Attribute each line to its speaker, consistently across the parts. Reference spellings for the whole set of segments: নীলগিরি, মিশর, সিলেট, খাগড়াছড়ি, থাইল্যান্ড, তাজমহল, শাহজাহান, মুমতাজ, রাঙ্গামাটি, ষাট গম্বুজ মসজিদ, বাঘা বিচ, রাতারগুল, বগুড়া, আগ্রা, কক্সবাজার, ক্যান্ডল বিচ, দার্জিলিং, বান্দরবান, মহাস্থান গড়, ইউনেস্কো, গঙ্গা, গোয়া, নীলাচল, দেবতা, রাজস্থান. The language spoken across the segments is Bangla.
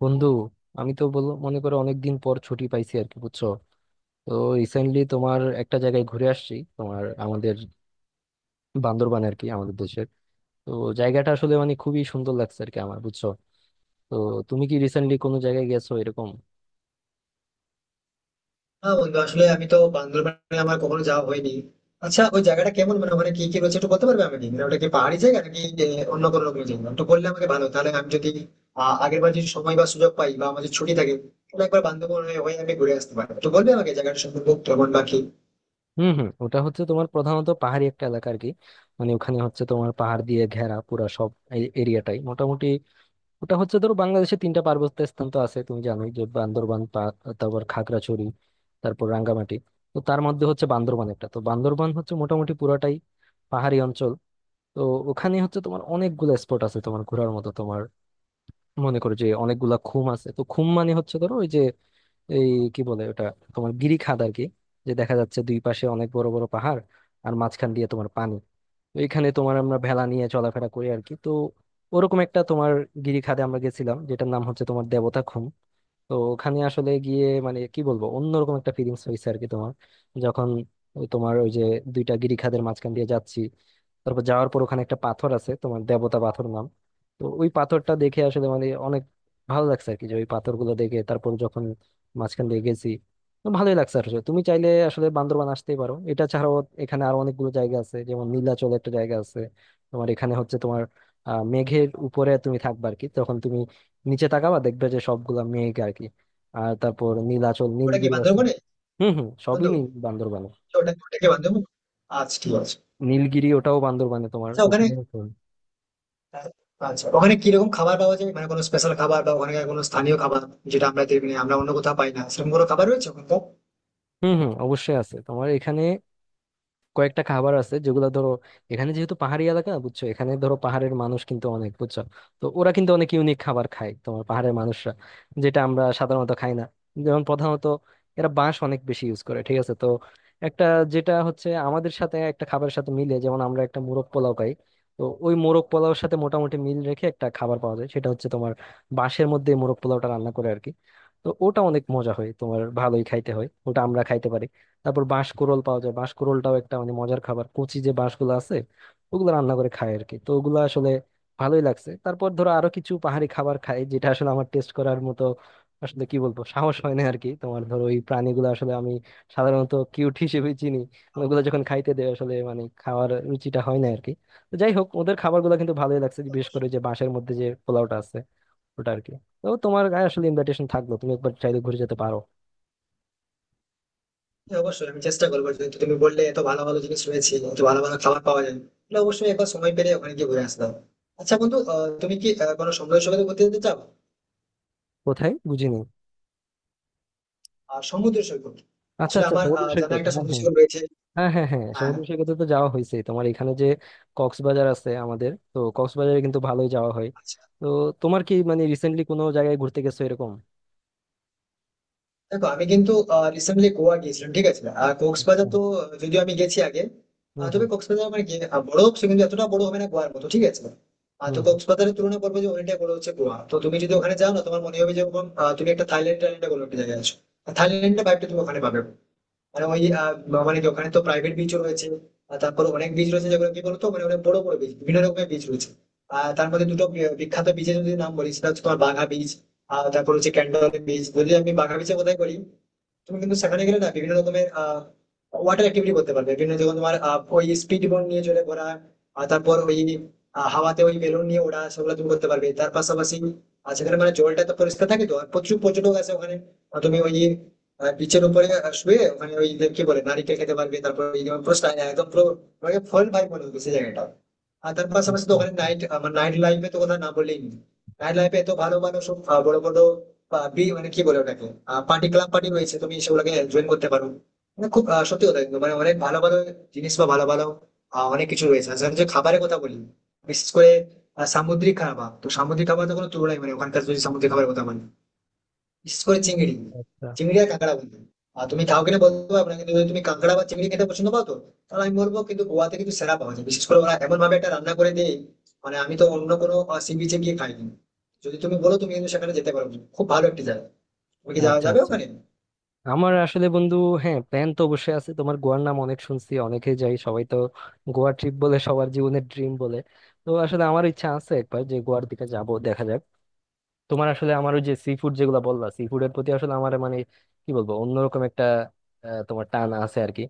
Speaker 1: বন্ধু, আমি তো বল মনে করো অনেকদিন পর ছুটি পাইছি আর কি বুঝছো। তো রিসেন্টলি তোমার একটা জায়গায় ঘুরে আসছি তোমার আমাদের বান্দরবান আর কি আমাদের দেশের। তো জায়গাটা আসলে মানে খুবই সুন্দর লাগছে আর কি আমার বুঝছো। তো তুমি কি রিসেন্টলি কোনো জায়গায় গেছো এরকম?
Speaker 2: না বন্ধু, আসলে আমি তো বান্দরবানে আমার কখনো যাওয়া হয়নি। আচ্ছা, ওই জায়গাটা কেমন, মানে ওখানে কি কি রয়েছে একটু বলতে পারবে আমাকে? মানে ওটা কি পাহাড়ি জায়গা নাকি অন্য কোনো রকমের জায়গা, একটু বললে আমাকে ভালো, তাহলে আমি যদি আগের বার যদি সময় বা সুযোগ পাই বা আমাদের ছুটি থাকে, তাহলে একবার বান্দরবন হয়ে হয়ে আমি ঘুরে আসতে পারি। তো বলবে আমাকে জায়গাটা সম্পর্কে কেমন বা কি।
Speaker 1: হুম হুম, ওটা হচ্ছে তোমার প্রধানত পাহাড়ি একটা এলাকা আর কি। মানে ওখানে হচ্ছে তোমার পাহাড় দিয়ে ঘেরা পুরা সব এরিয়াটাই মোটামুটি। ওটা হচ্ছে ধরো বাংলাদেশে তিনটা পার্বত্য স্থান তো আছে তুমি জানোই যে বান্দরবান তারপর খাগড়াছড়ি, তারপর রাঙ্গামাটি। তো তার মধ্যে হচ্ছে বান্দরবান একটা, তো বান্দরবান হচ্ছে মোটামুটি পুরাটাই পাহাড়ি অঞ্চল। তো ওখানে হচ্ছে তোমার অনেকগুলা স্পট আছে তোমার ঘোরার মতো তোমার। মনে করো যে অনেকগুলা খুম আছে, তো খুম মানে হচ্ছে ধরো ওই যে এই কি বলে ওটা, তোমার গিরি খাদ আর কি। যে দেখা যাচ্ছে দুই পাশে অনেক বড় বড় পাহাড় আর মাঝখান দিয়ে তোমার পানি। তো এখানে তোমার আমরা ভেলা নিয়ে চলাফেরা করি আর কি। তো ওরকম একটা তোমার গিরি খাদে আমরা গেছিলাম যেটার নাম হচ্ছে তোমার দেবতা। তো ওখানে আসলে গিয়ে মানে কি বলবো অন্যরকম একটা ফিলিংস হয়েছে আর কি তোমার। যখন ওই তোমার ওই যে দুইটা গিরিখাদের মাঝখান দিয়ে যাচ্ছি, তারপর যাওয়ার পর ওখানে একটা পাথর আছে তোমার দেবতা পাথর নাম। তো ওই পাথরটা দেখে আসলে মানে অনেক ভালো লাগছে আর কি, যে ওই পাথরগুলো দেখে তারপর যখন মাঝখান দিয়ে গেছি। তো ভালোই লাগছে আসলে, তুমি চাইলে আসলে বান্দরবান আসতেই পারো। এটা ছাড়াও এখানে আরো অনেকগুলো জায়গা আছে, যেমন নীলাচল একটা জায়গা আছে তোমার। এখানে হচ্ছে তোমার মেঘের উপরে তুমি থাকবা আর কি, তখন তুমি নিচে তাকাবা দেখবে যে সবগুলা মেঘ আর কি। আর তারপর নীলাচল
Speaker 2: ওটা কি
Speaker 1: নীলগিরি আছে।
Speaker 2: বান্দরবনে?
Speaker 1: হুম হুম, সবই
Speaker 2: বন্ধু,
Speaker 1: নীল বান্দরবানে।
Speaker 2: ওটা ওটা কি বান্দরবন? আচ্ছা, ঠিক আছে।
Speaker 1: নীলগিরি ওটাও বান্দরবানে তোমার
Speaker 2: আচ্ছা ওখানে,
Speaker 1: ওখানে।
Speaker 2: আচ্ছা ওখানে কিরকম খাবার পাওয়া যায়, মানে কোনো স্পেশাল খাবার বা ওখানে কোনো স্থানীয় খাবার যেটা আমরা দেখি না, আমরা অন্য কোথাও পাই না, সেরকম কোনো খাবার রয়েছে ওখানকার?
Speaker 1: হুম হুম, অবশ্যই আছে তোমার এখানে কয়েকটা খাবার আছে যেগুলো ধরো। এখানে যেহেতু পাহাড়ি এলাকা বুঝছো, এখানে ধরো পাহাড়ের মানুষ কিন্তু অনেক বুঝছো। তো ওরা কিন্তু অনেক ইউনিক খাবার খায় তোমার পাহাড়ের মানুষরা, যেটা আমরা সাধারণত খাই না। যেমন প্রধানত এরা বাঁশ অনেক বেশি ইউজ করে ঠিক আছে। তো একটা যেটা হচ্ছে আমাদের সাথে একটা খাবারের সাথে মিলে, যেমন আমরা একটা মোরগ পোলাও খাই। তো ওই মোরগ পোলাওর সাথে মোটামুটি মিল রেখে একটা খাবার পাওয়া যায়, সেটা হচ্ছে তোমার বাঁশের মধ্যে মোরগ পোলাওটা রান্না করে আর কি। তো ওটা অনেক মজা হয় তোমার, ভালোই খাইতে হয় ওটা, আমরা খাইতে পারি। তারপর বাঁশকুড়োল পাওয়া যায়, বাঁশকুড়োলটাও একটা মানে মজার খাবার, কচি যে বাঁশগুলো আছে ওগুলো রান্না করে খায় আর কি। তো ওগুলো আসলে ভালোই লাগছে। তারপর ধরো আরো কিছু পাহাড়ি খাবার খাই যেটা আসলে আমার টেস্ট করার মতো আসলে কি বলবো সাহস হয় না আর কি তোমার। ধরো ওই প্রাণীগুলো আসলে আমি সাধারণত কিউট হিসেবে চিনি, ওগুলো যখন খাইতে দেয় আসলে মানে খাওয়ার রুচিটা হয় না আর কি। তো যাই হোক, ওদের খাবারগুলো কিন্তু ভালোই লাগছে, বিশেষ করে যে বাঁশের মধ্যে যে পোলাওটা আছে ওটা আর কি। তো তোমার গায়ে আসলে ইনভাইটেশন থাকলো, তুমি একবার চাইলে ঘুরে যেতে পারো।
Speaker 2: হ্যাঁ, অবশ্যই আমি চেষ্টা করবো, যেহেতু তুমি বললে এত ভালো ভালো জিনিস রয়েছে, এত ভালো ভালো খাবার পাওয়া যায়, তাহলে অবশ্যই একবার সময় পেলে ওখানে গিয়ে ঘুরে আসতাম। আচ্ছা বন্ধু, তুমি কি কোনো সমুদ্র সৈকতে ঘুরতে যেতে চাও?
Speaker 1: কোথায় বুঝিনি?
Speaker 2: আর সমুদ্র সৈকত,
Speaker 1: আচ্ছা
Speaker 2: আসলে
Speaker 1: আচ্ছা,
Speaker 2: আমার
Speaker 1: সমুদ্র
Speaker 2: জানা
Speaker 1: সৈকত,
Speaker 2: একটা
Speaker 1: হ্যাঁ
Speaker 2: সমুদ্র
Speaker 1: হ্যাঁ
Speaker 2: সৈকত রয়েছে।
Speaker 1: হ্যাঁ হ্যাঁ হ্যাঁ,
Speaker 2: হ্যাঁ।
Speaker 1: সমুদ্র সৈকতে তো যাওয়া হয়েছে তোমার, এখানে যে কক্সবাজার আছে আমাদের, তো কক্সবাজারে কিন্তু ভালোই যাওয়া হয়।
Speaker 2: আচ্ছা।
Speaker 1: তো তোমার কি মানে রিসেন্টলি কোনো জায়গায় ঘুরতে গেছো এরকম?
Speaker 2: দেখো, আমি কিন্তু রিসেন্টলি গোয়া গিয়েছিলাম, ঠিক আছে। আর কক্সবাজার
Speaker 1: হ্যাঁ,
Speaker 2: তো যদিও আমি গেছি আগে।
Speaker 1: হুম
Speaker 2: তবে
Speaker 1: হুম।
Speaker 2: কক্সবাজার আমার গিয়ে বড় সে কিন্তু এতটা বড় হবে না গোয়ার মতো, ঠিক আছে। তো
Speaker 1: হুম হুম।
Speaker 2: কক্সবাজারের তুলনা করবো যে অনেকটাই বড় হচ্ছে গোয়া। তো তুমি যদি ওখানে যাও না, তোমার মনে হবে যেরকম তুমি একটা থাইল্যান্ড টাইল্যান্ডে কোনো একটা জায়গায় আছো। থাইল্যান্ডের ভাইবটা তুমি ওখানে পাবে। মানে ওই মানে কি, ওখানে তো প্রাইভেট বিচও রয়েছে। আর তারপরে অনেক বিচ রয়েছে, যেগুলো কি বলতো, মানে অনেক বড় বড় বিচ, বিভিন্ন রকমের বিচ রয়েছে। আর তার মধ্যে দুটো বিখ্যাত বিচের যদি নাম বলি, সেটা হচ্ছে তোমার বাঘা বিচ, আর তারপর হচ্ছে ক্যান্ডল বিচ। যদি আমি বাঘা বিচের কথাই বলি, তুমি কিন্তু সেখানে গেলে না বিভিন্ন রকমের ওয়াটার অ্যাক্টিভিটি করতে পারবে। বিভিন্ন, যেমন তোমার ওই স্পিড বোট নিয়ে চলে ঘোরা, আর তারপর ওই হাওয়াতে ওই বেলুন নিয়ে ওড়া, সেগুলো তুমি করতে পারবে। তার পাশাপাশি সেখানে মানে জলটা তো পরিষ্কার থাকে তো, আর প্রচুর পর্যটক আছে ওখানে। আর তুমি ওই বিচের উপরে শুয়ে ওখানে ওই যে কি বলে, নারিকেল খেতে পারবে। তারপর ওই যেমন পুরো style, একদম পুরো ফল ভাই মনে হবে সেই জায়গাটা। আর তার পাশাপাশি তো ওখানে
Speaker 1: আচ্ছা
Speaker 2: নাইট, আমার নাইট লাইফে তো কথা না বললেই নেই। নাইট লাইফে এত ভালো ভালো সব বড় বড় আহ, বি মানে কি বলে ওটাকে, পার্টি ক্লাব পার্টি রয়েছে, তুমি সেগুলোকে জয়েন করতে পারো। মানে খুব সত্যি কথা কিন্তু মানে অনেক ভালো ভালো জিনিস বা ভালো ভালো অনেক কিছু রয়েছে। আর যে খাবারের কথা বলি, বিশেষ করে সামুদ্রিক খাবার, তো সামুদ্রিক খাবার তো কোনো তুলনাই, মানে ওখানকার যদি সামুদ্রিক খাবারের কথা বলি, বিশেষ করে চিংড়ি,
Speaker 1: আচ্ছা।
Speaker 2: চিংড়ি আর কাঁকড়া বন্ধু। আর তুমি কাউকে না বলতে পারবে না, কিন্তু যদি তুমি কাঁকড়া বা চিংড়ি খেতে পছন্দ পাও, তো তাহলে আমি বলবো কিন্তু গোয়াতে কিন্তু সেরা পাওয়া যায়। বিশেষ করে ওরা এমন ভাবে একটা রান্না করে দেয়, মানে আমি তো অন্য কোনো সি বিচে গিয়ে খাইনি। যদি তুমি বলো, তুমি কিন্তু সেখানে যেতে পারো, খুব ভালো একটি জায়গা। তুমি কি যাওয়া
Speaker 1: আচ্ছা
Speaker 2: যাবে
Speaker 1: আচ্ছা।
Speaker 2: ওখানে?
Speaker 1: আমার আসলে বন্ধু হ্যাঁ প্ল্যান তো অবশ্যই আছে, তোমার গোয়ার নাম অনেক শুনছি, অনেকে যাই, সবাই তো গোয়া ট্রিপ বলে সবার জীবনের ড্রিম বলে। তো আসলে আমার ইচ্ছা আছে একবার যে গোয়ার দিকে যাব, দেখা যাক। তোমার আসলে আমার ওই যে সি ফুড যেগুলো বললা, সি ফুডের প্রতি আসলে আমার মানে কি বলবো অন্যরকম একটা তোমার টান আছে আর কি।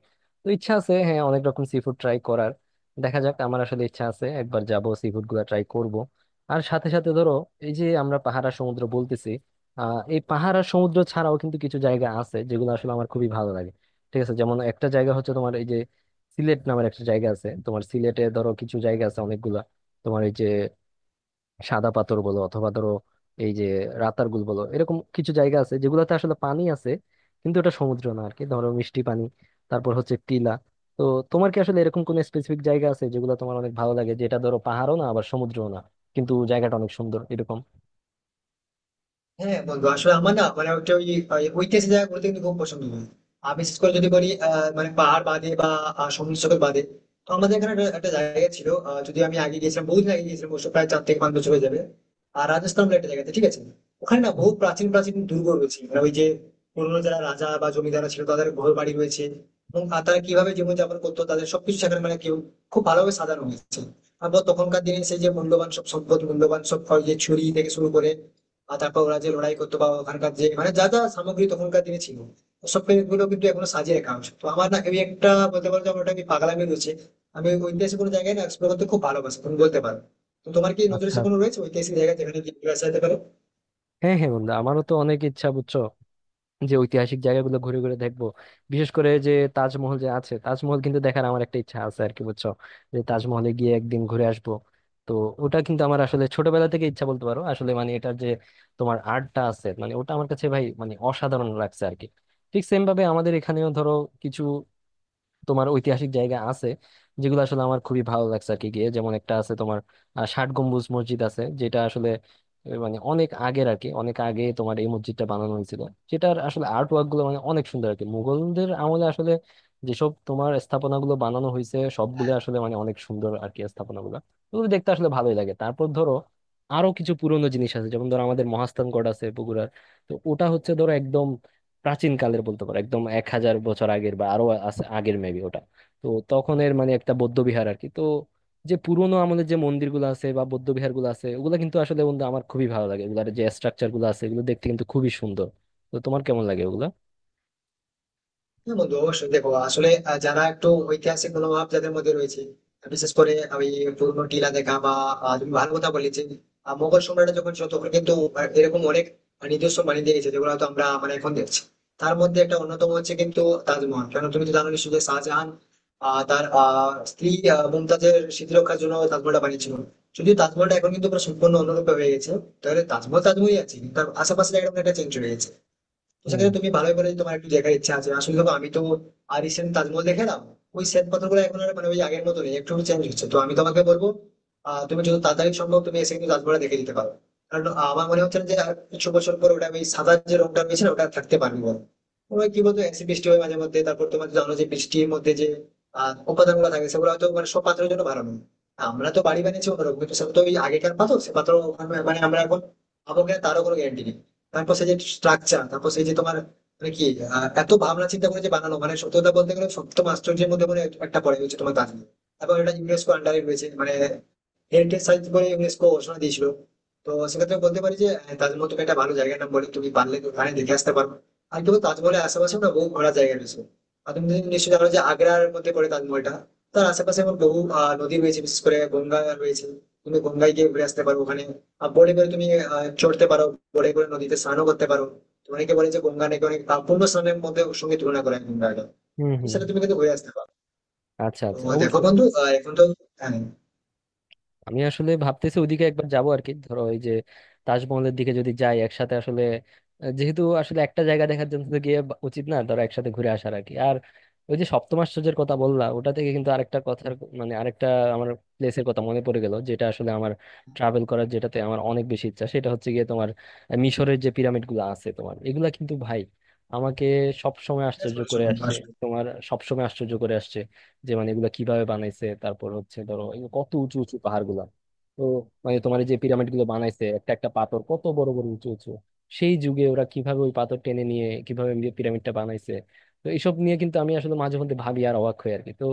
Speaker 1: তো ইচ্ছা আছে হ্যাঁ অনেক রকম সি ফুড ট্রাই করার। দেখা যাক, আমার আসলে ইচ্ছা আছে একবার যাব সি ফুড গুলা ট্রাই করব। আর সাথে সাথে ধরো, এই যে আমরা পাহাড় আর সমুদ্র বলতেছি, এই পাহাড় আর সমুদ্র ছাড়াও কিন্তু কিছু জায়গা আছে যেগুলো আসলে আমার খুবই ভালো লাগে। ঠিক আছে, যেমন একটা জায়গা হচ্ছে তোমার এই যে সিলেট নামের একটা জায়গা আছে। তোমার সিলেটে ধরো কিছু জায়গা আছে অনেকগুলা, তোমার এই যে সাদা পাথর বলো, অথবা ধরো এই যে রাতারগুল বলো, এরকম কিছু জায়গা আছে যেগুলোতে আসলে পানি আছে, কিন্তু এটা সমুদ্র না আর কি, ধরো মিষ্টি পানি। তারপর হচ্ছে টিলা। তো তোমার কি আসলে এরকম কোনো স্পেসিফিক জায়গা আছে যেগুলো তোমার অনেক ভালো লাগে, যেটা ধরো পাহাড়ও না আবার সমুদ্রও না কিন্তু জায়গাটা অনেক সুন্দর এরকম?
Speaker 2: হ্যাঁ হ্যাঁ, বন্ধু, আসলে আমার না মানে একটা ওই, ওই ঐতিহাসিক জায়গা ঘুরতে কিন্তু খুব পছন্দ হয়। আর বিশেষ করে যদি বলি মানে পাহাড় বাদে বা সমুদ্র সৈকত বাদে, তো আমাদের এখানে একটা একটা জায়গা ছিল, যদি আমি আগে গিয়েছিলাম, বহুদিন আগে গিয়েছিলাম, অবশ্য প্রায় চার থেকে পাঁচ বছর হয়ে যাবে। আর রাজস্থান বলে একটা জায়গাতে, ঠিক আছে। ওখানে না
Speaker 1: হুম।
Speaker 2: বহু প্রাচীন প্রাচীন দুর্গ রয়েছে, মানে ওই যে পুরোনো যারা রাজা বা জমিদারা ছিল তাদের ঘর বাড়ি রয়েছে। এবং তারা কিভাবে জীবনযাপন করতো, তাদের সবকিছু সেখানে, মানে কেউ খুব ভালোভাবে সাজানো হয়েছে। আবার তখনকার দিনে সেই যে মূল্যবান সব সম্পদ, মূল্যবান সব ওই যে ছুরি থেকে শুরু করে, আর তারপর ওরা যে লড়াই করতো বা ওখানকার যে মানে যা যা সামগ্রী তখনকার দিনে ছিল, ওসব গুলো কিন্তু এখনো সাজিয়ে রাখা হয়েছে। তো আমার না ওই একটা বলতে পারো যে আমার ওটা কি পাগলামি রয়েছে, আমি ওই ঐতিহাসিক কোনো জায়গায় না এক্সপ্লোর করতে খুব ভালোবাসি, তুমি বলতে পারো। তো তোমার কি নজরে
Speaker 1: আচ্ছা।
Speaker 2: সে কোনো রয়েছে ঐতিহাসিক জায়গা, যেখানে গিয়ে ঘুরে আসা যেতে পারে?
Speaker 1: হ্যাঁ হ্যাঁ বন্ধু, আমারও তো অনেক ইচ্ছা বুঝছো যে ঐতিহাসিক জায়গাগুলো ঘুরে ঘুরে দেখবো। বিশেষ করে যে তাজমহল যে আছে, তাজমহল কিন্তু দেখার আমার একটা ইচ্ছা আছে আর কি বুঝছো, যে তাজমহলে গিয়ে একদিন ঘুরে আসবো। তো ওটা কিন্তু আমার আসলে ছোটবেলা থেকে ইচ্ছা বলতে পারো, আসলে মানে এটার যে তোমার আর্টটা আছে মানে ওটা আমার কাছে ভাই মানে অসাধারণ লাগছে আর কি। ঠিক সেম ভাবে আমাদের এখানেও ধরো কিছু তোমার ঐতিহাসিক জায়গা আছে যেগুলো আসলে আমার খুবই ভালো লাগছে আর কি গিয়ে, যেমন একটা আছে তোমার ষাট গম্বুজ মসজিদ আছে, যেটা আসলে মানে অনেক আগের আর কি, অনেক আগে তোমার এই মসজিদটা বানানো হয়েছিল, যেটার আসলে আর্ট ওয়ার্ক গুলো মানে অনেক সুন্দর আর কি। মুঘলদের আমলে আসলে যেসব তোমার স্থাপনা গুলো বানানো হয়েছে সবগুলো আসলে মানে অনেক সুন্দর আর কি স্থাপনা গুলো, ওগুলো দেখতে আসলে ভালোই লাগে। তারপর ধরো আরো কিছু পুরনো জিনিস আছে, যেমন ধরো আমাদের মহাস্থান গড় আছে বগুড়ার। তো ওটা হচ্ছে ধরো একদম প্রাচীন কালের বলতে পারো, একদম 1000 বছর আগের বা আরো আগের মেবি ওটা। তো তখনের মানে একটা বৌদ্ধ বিহার আর কি। তো যে পুরোনো আমলের যে মন্দিরগুলো আছে বা বৌদ্ধ বিহারগুলো আছে ওগুলো কিন্তু আসলে বন্ধু আমার খুবই ভালো লাগে, এগুলার যে স্ট্রাকচার গুলো আছে এগুলো দেখতে কিন্তু খুবই সুন্দর। তো তোমার কেমন লাগে ওগুলা?
Speaker 2: হ্যাঁ বন্ধু, অবশ্যই দেখো আসলে, যারা একটু ঐতিহাসিক মনোভাব যাদের মধ্যে রয়েছে, বিশেষ করে ওই পুরনো টিলা দেখা বা তুমি ভালো কথা বললে যে মোগল সম্রাট যখন ছিল তখন কিন্তু এরকম অনেক নিজস্ব বানিয়ে দিয়ে গেছে, যেগুলো হয়তো আমরা মানে এখন দেখছি। তার মধ্যে একটা অন্যতম হচ্ছে কিন্তু তাজমহল। কেন, তুমি তো জানো নিশ্চয়ই যে শাহজাহান তার স্ত্রী মুমতাজের স্মৃতিরক্ষার জন্য তাজমহলটা বানিয়েছিল। যদিও তাজমহলটা এখন কিন্তু পুরো সম্পূর্ণ অন্যরূপে হয়ে গেছে। তাহলে তাজমহল তাজমহলই আছে, কিন্তু তার আশেপাশে একদম একটা চেঞ্জ হয়ে গেছে। তো
Speaker 1: হুম
Speaker 2: সেক্ষেত্রে তুমি ভালোই বলে যে তোমার একটু দেখার ইচ্ছা আছে। আসলে দেখো, আমি তো আর রিসেন্ট তাজমহল দেখলাম, ওই শ্বেত পাথরগুলো এখন আর মানে ওই আগের মতো নেই, একটু চেঞ্জ হচ্ছে। তো আমি তোমাকে বলবো তুমি যত তাড়াতাড়ি সম্ভব তুমি এসে কিন্তু তাজমহলটা দেখে দিতে পারো। কারণ আমার মনে হচ্ছে না যে আর কিছু বছর পর ওটা, ওই সাদা যে রংটা রয়েছে না, ওটা আর থাকতে পারবে বলো। ওই কি বলতো, অ্যাসিড বৃষ্টি হয় মাঝে মধ্যে, তারপর তোমার তো জানো যে বৃষ্টির মধ্যে যে উপাদান গুলো থাকে, সেগুলো হয়তো মানে সব পাত্রের জন্য ভালো নয়। আমরা তো বাড়ি বানিয়েছি অন্যরকম, কিন্তু সেটা তো ওই আগেকার পাথর, সে পাথর ওখানে- মানে আমরা এখন আমাকে তারও কোনো গ্যারান্টি নেই। তারপর সেই যে স্ট্রাকচার, তারপর সেই যে তোমার মানে কি এত ভাবনা চিন্তা করে যে বানানো, মানে সত্যি কথা বলতে গেলে সপ্তম আশ্চর্যের মধ্যে মনে হয় একটা পড়ে, হচ্ছে তোমার দার্জিলিং। তারপর এটা ইউনেস্কো আন্ডারে রয়েছে, মানে হেরিটেজ সাইট বলে ইউনেস্কো ঘোষণা দিয়েছিল। তো সেক্ষেত্রে আমি বলতে পারি যে তাজমহল তুমি একটা ভালো জায়গার নাম বলে, তুমি পারলে ওখানে দেখে আসতে পারো। আর কেবল তাজমহলের আশেপাশে না, বহু ঘোরার জায়গা রয়েছে। আর তুমি যদি নিশ্চয়ই জানো যে আগ্রার মধ্যে পড়ে তাজমহলটা। তার আশেপাশে এখন বহু নদী রয়েছে, বিশেষ করে গঙ্গা রয়েছে। তুমি গঙ্গায় গিয়ে ঘুরে আসতে পারো ওখানে। আর বোটে করে তুমি চড়তে পারো, বোটে করে নদীতে স্নানও করতে পারো। তো অনেকে বলে যে গঙ্গা নাকি অনেক পূর্ণ স্নানের মধ্যে ওর সঙ্গে তুলনা করা হয় গঙ্গাটা।
Speaker 1: হুম।
Speaker 2: তো
Speaker 1: হুম হুম।
Speaker 2: সেটা তুমি কিন্তু ঘুরে আসতে পারো।
Speaker 1: আচ্ছা
Speaker 2: তো
Speaker 1: আচ্ছা,
Speaker 2: দেখো
Speaker 1: অবশ্যই।
Speaker 2: বন্ধু, এখন তো হ্যাঁ,
Speaker 1: আমি আসলে ভাবতেছি ওইদিকে একবার যাব আর কি, ধরো ওই যে তাজমহলের দিকে যদি যাই একসাথে আসলে, যেহেতু আসলে একটা জায়গা দেখার জন্য তো গিয়ে উচিত না, ধরো একসাথে ঘুরে আসার আর কি। আর ওই যে সপ্তম আশ্চর্যের কথা বললা ওটা থেকে কিন্তু আরেকটা কথার মানে আরেকটা আমার প্লেসের কথা মনে পড়ে গেল, যেটা আসলে আমার ট্রাভেল করার যেটাতে আমার অনেক বেশি ইচ্ছা, সেটা হচ্ছে গিয়ে তোমার মিশরের যে পিরামিড গুলো আছে তোমার, এগুলা কিন্তু ভাই আমাকে সব সময়
Speaker 2: ঠিক
Speaker 1: আশ্চর্য
Speaker 2: বলেছো
Speaker 1: করে
Speaker 2: বন্ধু,
Speaker 1: আসছে।
Speaker 2: আসলে
Speaker 1: তোমার সব সময় আশ্চর্য করে আসছে যে মানে এগুলা কিভাবে বানাইছে। তারপর হচ্ছে ধরো এই কত উঁচু উঁচু পাহাড় গুলা। তো মানে তোমার এই যে পিরামিড গুলো বানাইছে একটা একটা পাথর কত বড় বড় উঁচু উঁচু, সেই যুগে ওরা কিভাবে ওই পাথর টেনে নিয়ে কিভাবে এমনি পিরামিডটা বানাইছে। তো এইসব নিয়ে কিন্তু আমি আসলে মাঝে মধ্যে ভাবি আর অবাক হই আর কি। তো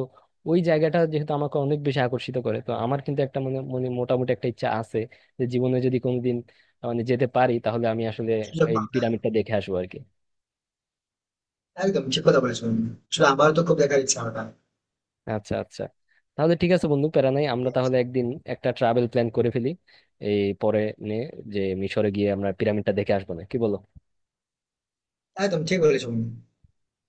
Speaker 1: ওই জায়গাটা যেহেতু আমাকে অনেক বেশি আকর্ষিত করে, তো আমার কিন্তু একটা মানে মানে মোটামুটি একটা ইচ্ছা আছে, যে জীবনে যদি কোনোদিন মানে যেতে পারি তাহলে আমি আসলে
Speaker 2: সুযোগ
Speaker 1: এই
Speaker 2: পাও না।
Speaker 1: পিরামিডটা দেখে আসবো আর কি।
Speaker 2: একদম ঠিক কথা বলেছো তুমি। আসলে আমারও তো খুব দেখার ইচ্ছা ওটা।
Speaker 1: আচ্ছা আচ্ছা, তাহলে ঠিক আছে বন্ধু প্যারা নাই, আমরা তাহলে একদিন একটা ট্রাভেল প্ল্যান করে ফেলি, এই পরে নিয়ে, যে মিশরে গিয়ে আমরা পিরামিডটা দেখে আসবো, না কি বলো?
Speaker 2: একদম ঠিক বলেছো তুমি।